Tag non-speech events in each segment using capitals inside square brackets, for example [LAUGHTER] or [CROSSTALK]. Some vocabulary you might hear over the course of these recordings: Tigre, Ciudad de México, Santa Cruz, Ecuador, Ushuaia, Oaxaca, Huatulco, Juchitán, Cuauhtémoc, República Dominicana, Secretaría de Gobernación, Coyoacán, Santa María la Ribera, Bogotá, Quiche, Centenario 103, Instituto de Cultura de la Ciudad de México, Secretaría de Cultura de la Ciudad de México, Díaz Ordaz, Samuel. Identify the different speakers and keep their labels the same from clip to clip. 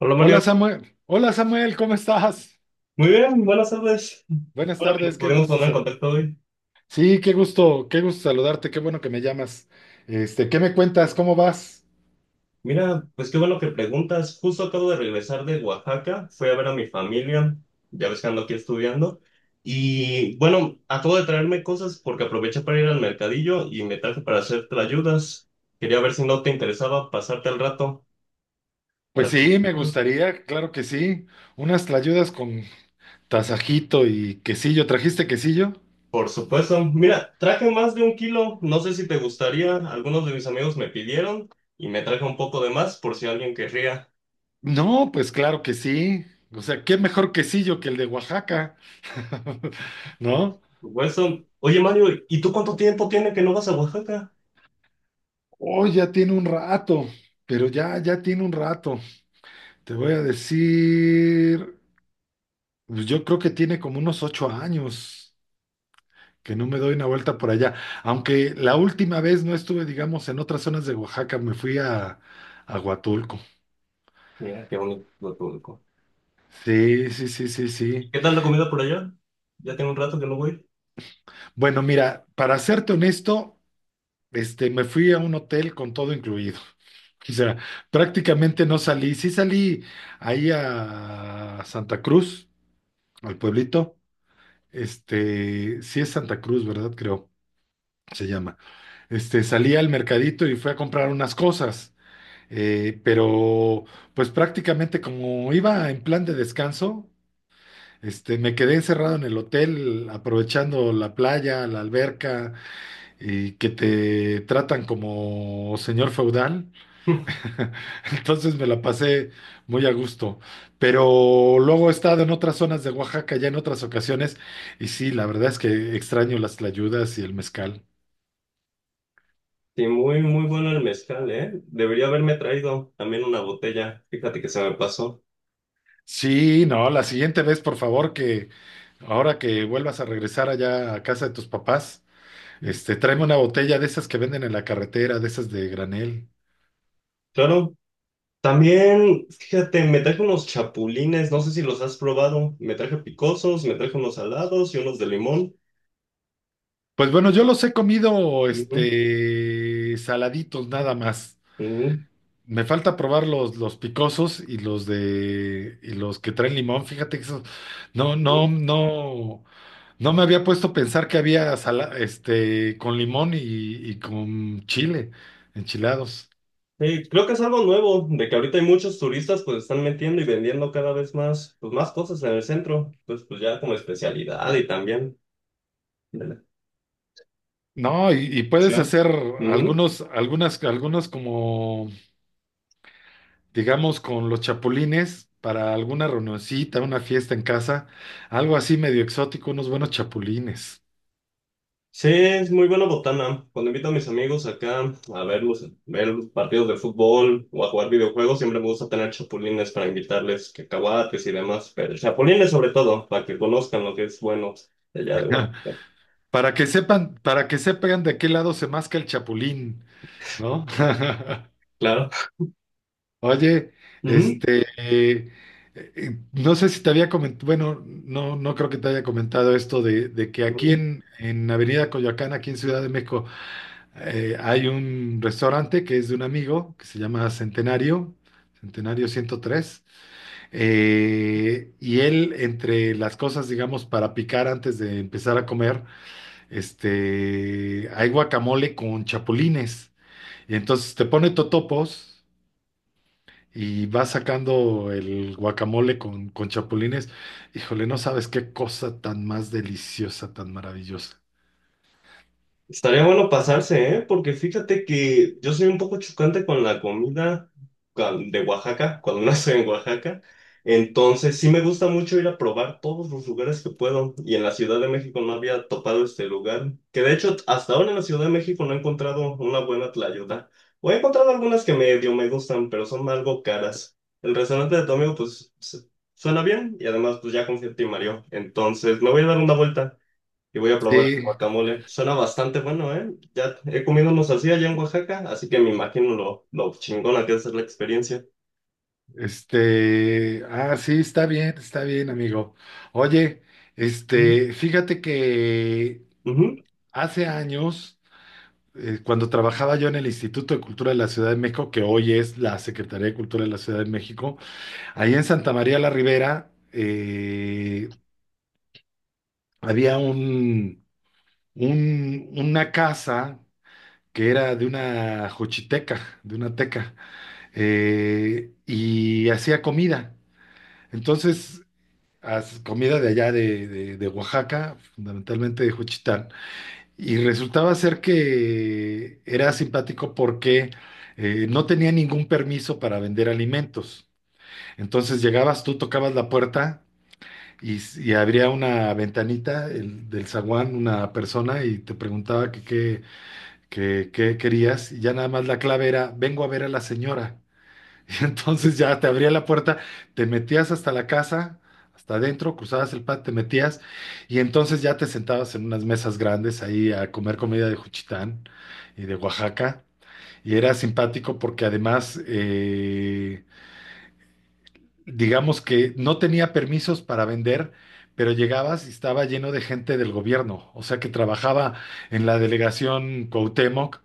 Speaker 1: Hola Mario,
Speaker 2: Hola Samuel, ¿cómo estás?
Speaker 1: muy bien, buenas tardes.
Speaker 2: Buenas
Speaker 1: Bueno que nos
Speaker 2: tardes, qué
Speaker 1: pudimos
Speaker 2: gusto.
Speaker 1: poner en contacto hoy.
Speaker 2: Sí, qué gusto saludarte, qué bueno que me llamas. ¿Qué me cuentas? ¿Cómo vas?
Speaker 1: Mira, pues qué bueno que preguntas. Justo acabo de regresar de Oaxaca, fui a ver a mi familia, ya ves que ando aquí estudiando. Y bueno, acabo de traerme cosas porque aproveché para ir al mercadillo y me traje para hacer ayudas. Quería ver si no te interesaba pasarte al rato
Speaker 2: Pues
Speaker 1: para que me
Speaker 2: sí, me
Speaker 1: ayudaras.
Speaker 2: gustaría, claro que sí. Unas tlayudas con tasajito y quesillo. ¿Trajiste quesillo?
Speaker 1: Por supuesto, mira, traje más de un kilo, no sé si te gustaría. Algunos de mis amigos me pidieron y me traje un poco de más por si alguien querría.
Speaker 2: No, pues claro que sí. O sea, qué mejor quesillo que el de Oaxaca, [LAUGHS] ¿no?
Speaker 1: Wilson, oye Mario, ¿y tú Oye, Mario, ¿y tú cuánto tiempo tiene que no vas a Oaxaca?
Speaker 2: Oh, ya tiene un rato, pero ya tiene un rato. Te voy a decir. Pues yo creo que tiene como unos 8 años que no me doy una vuelta por allá. Aunque la última vez no estuve, digamos, en otras zonas de Oaxaca, me fui a Huatulco.
Speaker 1: Mira, qué bonito lo público.
Speaker 2: Sí, sí, sí, sí, sí.
Speaker 1: ¿Qué tal la comida por allá? Ya tengo un rato que no voy.
Speaker 2: Bueno, mira, para serte honesto, me fui a un hotel con todo incluido. [LAUGHS] O sea, prácticamente no salí. Sí salí ahí a Santa Cruz, al pueblito. Este, sí es Santa Cruz, ¿verdad? Creo, se llama. Este, salí al mercadito y fui a comprar unas cosas. Pero pues prácticamente como iba en plan de descanso, me quedé encerrado en el hotel aprovechando la playa, la alberca y que te tratan como señor feudal.
Speaker 1: [LAUGHS]
Speaker 2: [LAUGHS] Entonces me la pasé muy a gusto. Pero luego he estado en otras zonas de Oaxaca, ya en otras ocasiones, y sí, la verdad es que extraño las tlayudas y el mezcal.
Speaker 1: Sí, muy, muy bueno el mezcal, ¿eh? Debería haberme traído también una botella. Fíjate que se me pasó.
Speaker 2: Sí, no, la siguiente vez, por favor, ahora que vuelvas a regresar allá a casa de tus papás, tráeme una botella de esas que venden en la carretera, de esas de granel.
Speaker 1: Claro, también, fíjate, me traje unos chapulines, no sé si los has probado. Me traje picosos, me traje unos salados y unos de limón.
Speaker 2: Pues bueno, yo los he comido,
Speaker 1: Ujú,
Speaker 2: saladitos nada más.
Speaker 1: ujú,
Speaker 2: Me falta probar los picosos y los que traen limón. Fíjate que eso, no,
Speaker 1: ujú.
Speaker 2: no, no, no me había puesto a pensar que había con limón y con chile, enchilados.
Speaker 1: Sí, creo que es algo nuevo, de que ahorita hay muchos turistas pues están metiendo y vendiendo cada vez más, pues más cosas en el centro, pues, pues ya como especialidad y también de la
Speaker 2: No, y puedes
Speaker 1: alimentación.
Speaker 2: hacer
Speaker 1: Ujú.
Speaker 2: algunos como, digamos, con los chapulines para alguna reunioncita, una fiesta en casa, algo así medio exótico, unos buenos chapulines.
Speaker 1: Sí, es muy buena botana. Cuando invito a mis amigos acá a ver los partidos de fútbol o a jugar videojuegos, siempre me gusta tener chapulines para invitarles, cacahuates y demás, pero chapulines sobre todo, para que conozcan lo que es bueno de allá de
Speaker 2: [LAUGHS]
Speaker 1: Oaxaca.
Speaker 2: Para que sepan de qué lado se masca el chapulín, ¿no? [LAUGHS]
Speaker 1: Claro.
Speaker 2: Oye, este, eh, no sé si te había comentado, bueno, no, no creo que te haya comentado esto de que aquí
Speaker 1: Ujú.
Speaker 2: en Avenida Coyoacán, aquí en Ciudad de México. Hay un restaurante que es de un amigo que se llama Centenario, Centenario 103, y él, entre las cosas, digamos, para picar antes de empezar a comer, hay guacamole con chapulines. Y entonces te pone totopos y va sacando el guacamole con chapulines. Híjole, no sabes qué cosa tan más deliciosa, tan maravillosa.
Speaker 1: Estaría bueno pasarse, ¿eh? Porque fíjate que yo soy un poco chocante con la comida de Oaxaca, cuando [LAUGHS] no estoy en Oaxaca. Entonces, sí me gusta mucho ir a probar todos los lugares que puedo. Y en la Ciudad de México no había topado este lugar. Que de hecho, hasta ahora en la Ciudad de México no he encontrado una buena tlayuda. O he encontrado algunas que medio me gustan, pero son algo caras. El restaurante de tu amigo, pues, suena bien. Y además, pues ya confía en ti, Mario. Entonces, me voy a dar una vuelta. Y voy a probar el
Speaker 2: Sí.
Speaker 1: guacamole. Suena bastante bueno, ¿eh? Ya he comido unos así allá en Oaxaca, así que me imagino lo chingona que es la experiencia.
Speaker 2: Sí, está bien, amigo. Oye,
Speaker 1: Ujú.
Speaker 2: fíjate que
Speaker 1: Ujú.
Speaker 2: hace años, cuando trabajaba yo en el Instituto de Cultura de la Ciudad de México, que hoy es la Secretaría de Cultura de la Ciudad de México, ahí en Santa María la Ribera, había una casa que era de una jochiteca, de una teca, y hacía comida. Entonces, comida de allá de Oaxaca, fundamentalmente de Juchitán, y resultaba ser que era simpático porque no tenía ningún permiso para vender alimentos. Entonces llegabas tú, tocabas la puerta y abría una ventanita del zaguán, una persona, y te preguntaba que qué querías, y ya nada más la clave era, vengo a ver a la señora. [LAUGHS] Y entonces ya te abría la puerta, te metías hasta la casa, hasta adentro, cruzabas el patio, te metías y entonces ya te sentabas en unas mesas grandes ahí a comer comida de Juchitán y de Oaxaca. Y era simpático porque además, digamos que no tenía permisos para vender, pero llegabas y estaba lleno de gente del gobierno, o sea que trabajaba en la delegación Cuauhtémoc,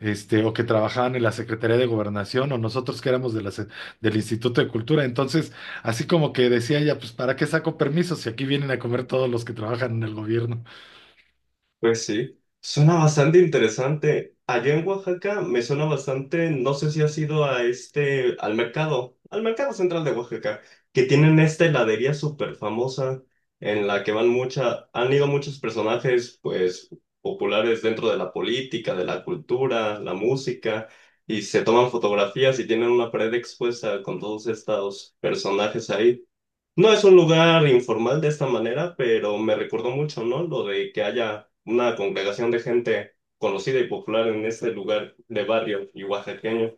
Speaker 2: o que trabajaban en la Secretaría de Gobernación, o nosotros que éramos de del Instituto de Cultura. Entonces, así como que decía ella, pues ¿para qué saco permisos si aquí vienen a comer todos los que trabajan en el gobierno?
Speaker 1: Pues sí, suena bastante interesante. Allá en Oaxaca me suena bastante, no sé si has ido a este, al mercado central de Oaxaca, que tienen esta heladería súper famosa en la que van han ido muchos personajes, pues, populares dentro de la política, de la cultura, la música, y se toman fotografías y tienen una pared expuesta con todos estos personajes ahí. No es un lugar informal de esta manera, pero me recordó mucho, ¿no? Lo de que haya una congregación de gente conocida y popular en este lugar de barrio y oaxaqueño.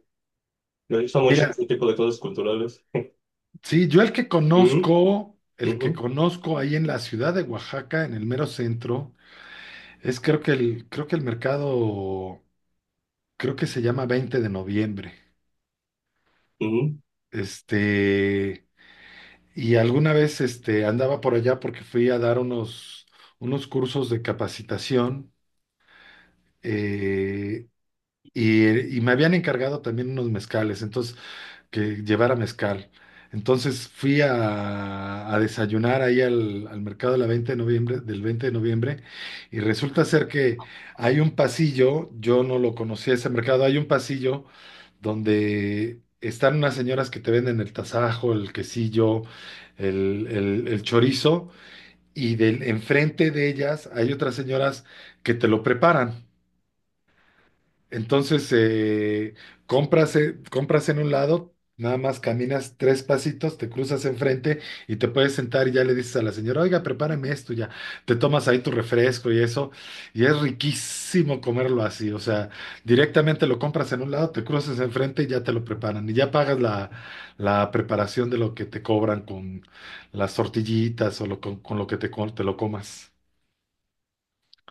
Speaker 1: Me gusta mucho
Speaker 2: Mira,
Speaker 1: ese tipo de cosas culturales.
Speaker 2: sí, yo
Speaker 1: Ujú,
Speaker 2: el
Speaker 1: ujú,
Speaker 2: que conozco ahí en la ciudad de Oaxaca, en el mero centro, es creo que el mercado. Creo que se llama 20 de noviembre.
Speaker 1: ujú.
Speaker 2: Este, y alguna vez andaba por allá porque fui a dar unos cursos de capacitación, eh, y me habían encargado también unos mezcales. Entonces que llevara mezcal. Entonces fui a desayunar ahí al mercado de la 20 de noviembre, del 20 de noviembre, y resulta ser que hay un pasillo, yo no lo conocía ese mercado, hay un pasillo donde están unas señoras que te venden el tasajo, el quesillo, el chorizo enfrente de ellas hay otras señoras que te lo preparan. Entonces, compras en un lado, nada más caminas tres pasitos, te cruzas enfrente y te puedes sentar y ya le dices a la señora, oiga, prepárame esto, ya. Te tomas ahí tu refresco y eso, y es riquísimo comerlo así. O sea, directamente lo compras en un lado, te cruzas enfrente y ya te lo preparan. Y ya pagas la preparación de lo que te cobran con las tortillitas con lo que te lo comas.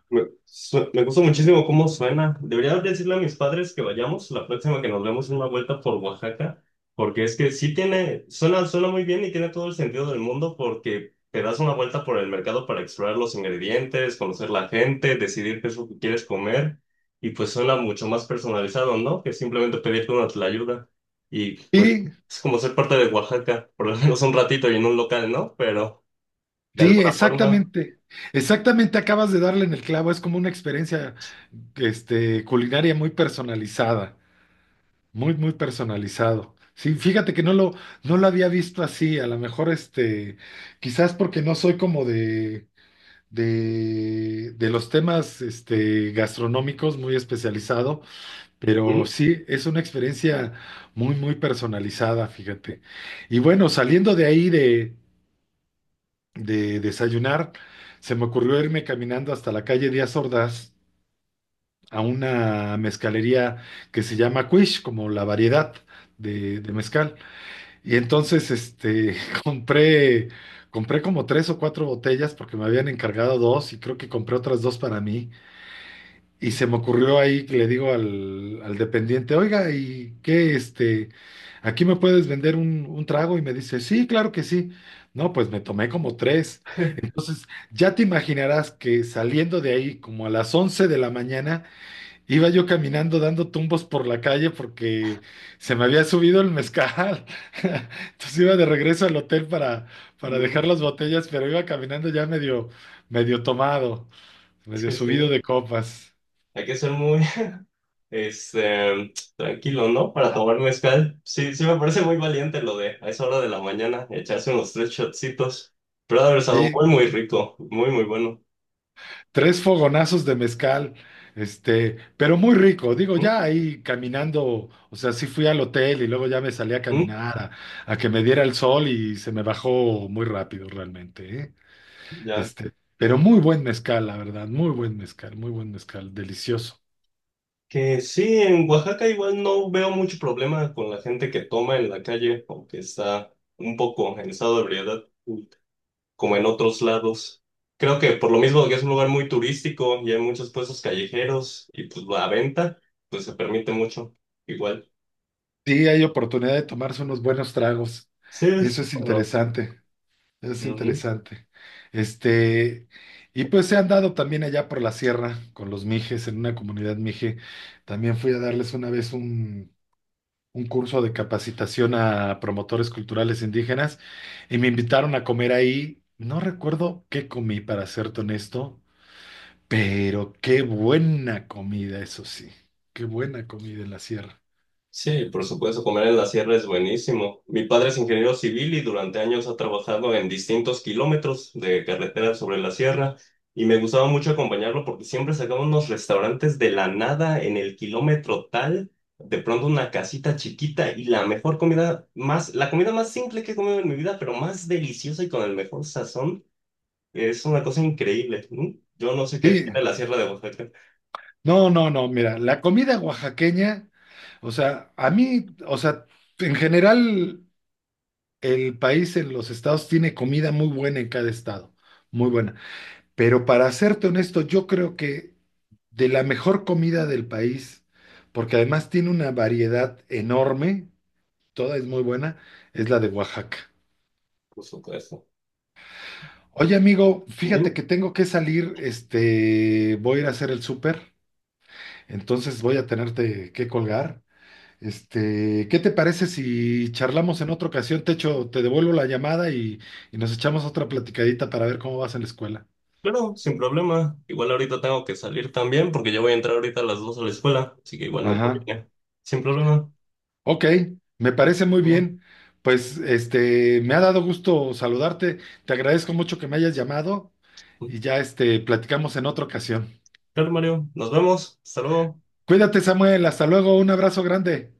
Speaker 1: Me gusta muchísimo cómo suena. Debería decirle a mis padres que vayamos la próxima que nos vemos una vuelta por Oaxaca, porque es que sí suena, suena muy bien y tiene todo el sentido del mundo porque te das una vuelta por el mercado para explorar los ingredientes, conocer la gente, decidir qué es lo que quieres comer y pues suena mucho más personalizado, ¿no? Que simplemente pedirte una ayuda y pues
Speaker 2: Y
Speaker 1: es como ser parte de Oaxaca, por lo menos un ratito y en un local, ¿no? Pero de
Speaker 2: Sí,
Speaker 1: alguna forma...
Speaker 2: exactamente. Exactamente, acabas de darle en el clavo. Es como una experiencia, culinaria muy personalizada, muy, muy personalizado. Sí, fíjate que no lo había visto así. A lo mejor, quizás porque no soy como de los temas, gastronómicos muy especializado, pero
Speaker 1: ¿Mm?
Speaker 2: sí, es una experiencia muy, muy personalizada, fíjate. Y bueno, saliendo de ahí de desayunar, se me ocurrió irme caminando hasta la calle Díaz Ordaz a una mezcalería que se llama Quiche, como la variedad de mezcal. Y entonces, [LAUGHS] compré, compré como tres o cuatro botellas porque me habían encargado dos y creo que compré otras dos para mí. Y se me ocurrió ahí que le digo al dependiente, oiga, ¿y qué, aquí me puedes vender un trago? Y me dice, sí, claro que sí. No, pues me tomé como tres.
Speaker 1: [LAUGHS]
Speaker 2: Entonces, ya te imaginarás que saliendo de ahí, como a las 11 de la mañana, iba yo caminando dando tumbos por la calle porque se me había subido el mezcal. [LAUGHS] Entonces iba de regreso al hotel para dejar
Speaker 1: Ujú.
Speaker 2: las botellas, pero iba caminando ya medio, medio tomado, medio
Speaker 1: Sí,
Speaker 2: subido
Speaker 1: sí.
Speaker 2: de copas.
Speaker 1: Hay que ser muy, [LAUGHS] este, tranquilo, ¿no? Para tomar mezcal. Sí, sí me parece muy valiente lo de a esa hora de la mañana echarse unos tres shotcitos. Pero ha de haber estado muy,
Speaker 2: Sí,
Speaker 1: muy rico, muy, muy bueno.
Speaker 2: tres fogonazos de mezcal, pero muy rico. Digo,
Speaker 1: ¿Mm?
Speaker 2: ya ahí caminando, o sea, sí fui al hotel y luego ya me salí a
Speaker 1: ¿Mm?
Speaker 2: caminar a que me diera el sol y se me bajó muy rápido realmente, ¿eh?
Speaker 1: Ya.
Speaker 2: Pero muy buen mezcal, la verdad, muy buen mezcal, delicioso.
Speaker 1: Que sí, en Oaxaca igual no veo mucho problema con la gente que toma en la calle, aunque está un poco en estado de ebriedad, como en otros lados. Creo que por lo mismo que es un lugar muy turístico y hay muchos puestos callejeros y pues la venta, pues se permite mucho. Igual.
Speaker 2: Sí, hay oportunidad de tomarse unos buenos tragos.
Speaker 1: Sí, es,
Speaker 2: Eso es
Speaker 1: bueno,
Speaker 2: interesante. Es
Speaker 1: ujú.
Speaker 2: interesante. Este, y pues se han dado también allá por la sierra con los mijes, en una comunidad mije. También fui a darles una vez un curso de capacitación a promotores culturales indígenas y me invitaron a comer ahí. No recuerdo qué comí, para serte honesto, pero qué buena comida, eso sí. Qué buena comida en la sierra.
Speaker 1: Sí, por supuesto, comer en la sierra es buenísimo. Mi padre es ingeniero civil y durante años ha trabajado en distintos kilómetros de carretera sobre la sierra y me gustaba mucho acompañarlo porque siempre sacaba unos restaurantes de la nada en el kilómetro tal, de pronto una casita chiquita y la mejor comida, más, la comida más simple que he comido en mi vida, pero más deliciosa y con el mejor sazón, es una cosa increíble. ¿No? Yo no sé qué
Speaker 2: Sí,
Speaker 1: tiene la sierra de Oaxaca,
Speaker 2: no, no, no, mira, la comida oaxaqueña, o sea, a mí, o sea, en general. El país en los estados tiene comida muy buena en cada estado, muy buena. Pero para serte honesto, yo creo que de la mejor comida del país, porque además tiene una variedad enorme, toda es muy buena, es la de Oaxaca.
Speaker 1: por supuesto.
Speaker 2: Oye, amigo, fíjate
Speaker 1: Dime.
Speaker 2: que tengo que salir, voy a ir a hacer el súper, entonces voy a tenerte que colgar. ¿Qué te parece si charlamos en otra ocasión? Te echo, te devuelvo la llamada y nos echamos otra platicadita para ver cómo vas en la escuela.
Speaker 1: Claro, sin problema. Igual ahorita tengo que salir también porque yo voy a entrar ahorita a las 2 a la escuela, así que igual me
Speaker 2: Ajá.
Speaker 1: conviene. Sin problema.
Speaker 2: Ok, me parece muy
Speaker 1: Bueno,
Speaker 2: bien. Pues me ha dado gusto saludarte. Te agradezco mucho que me hayas llamado
Speaker 1: mm.
Speaker 2: y ya platicamos en otra ocasión.
Speaker 1: Claro, Mario. Nos vemos. Hasta luego.
Speaker 2: Cuídate, Samuel. Hasta luego. Un abrazo grande.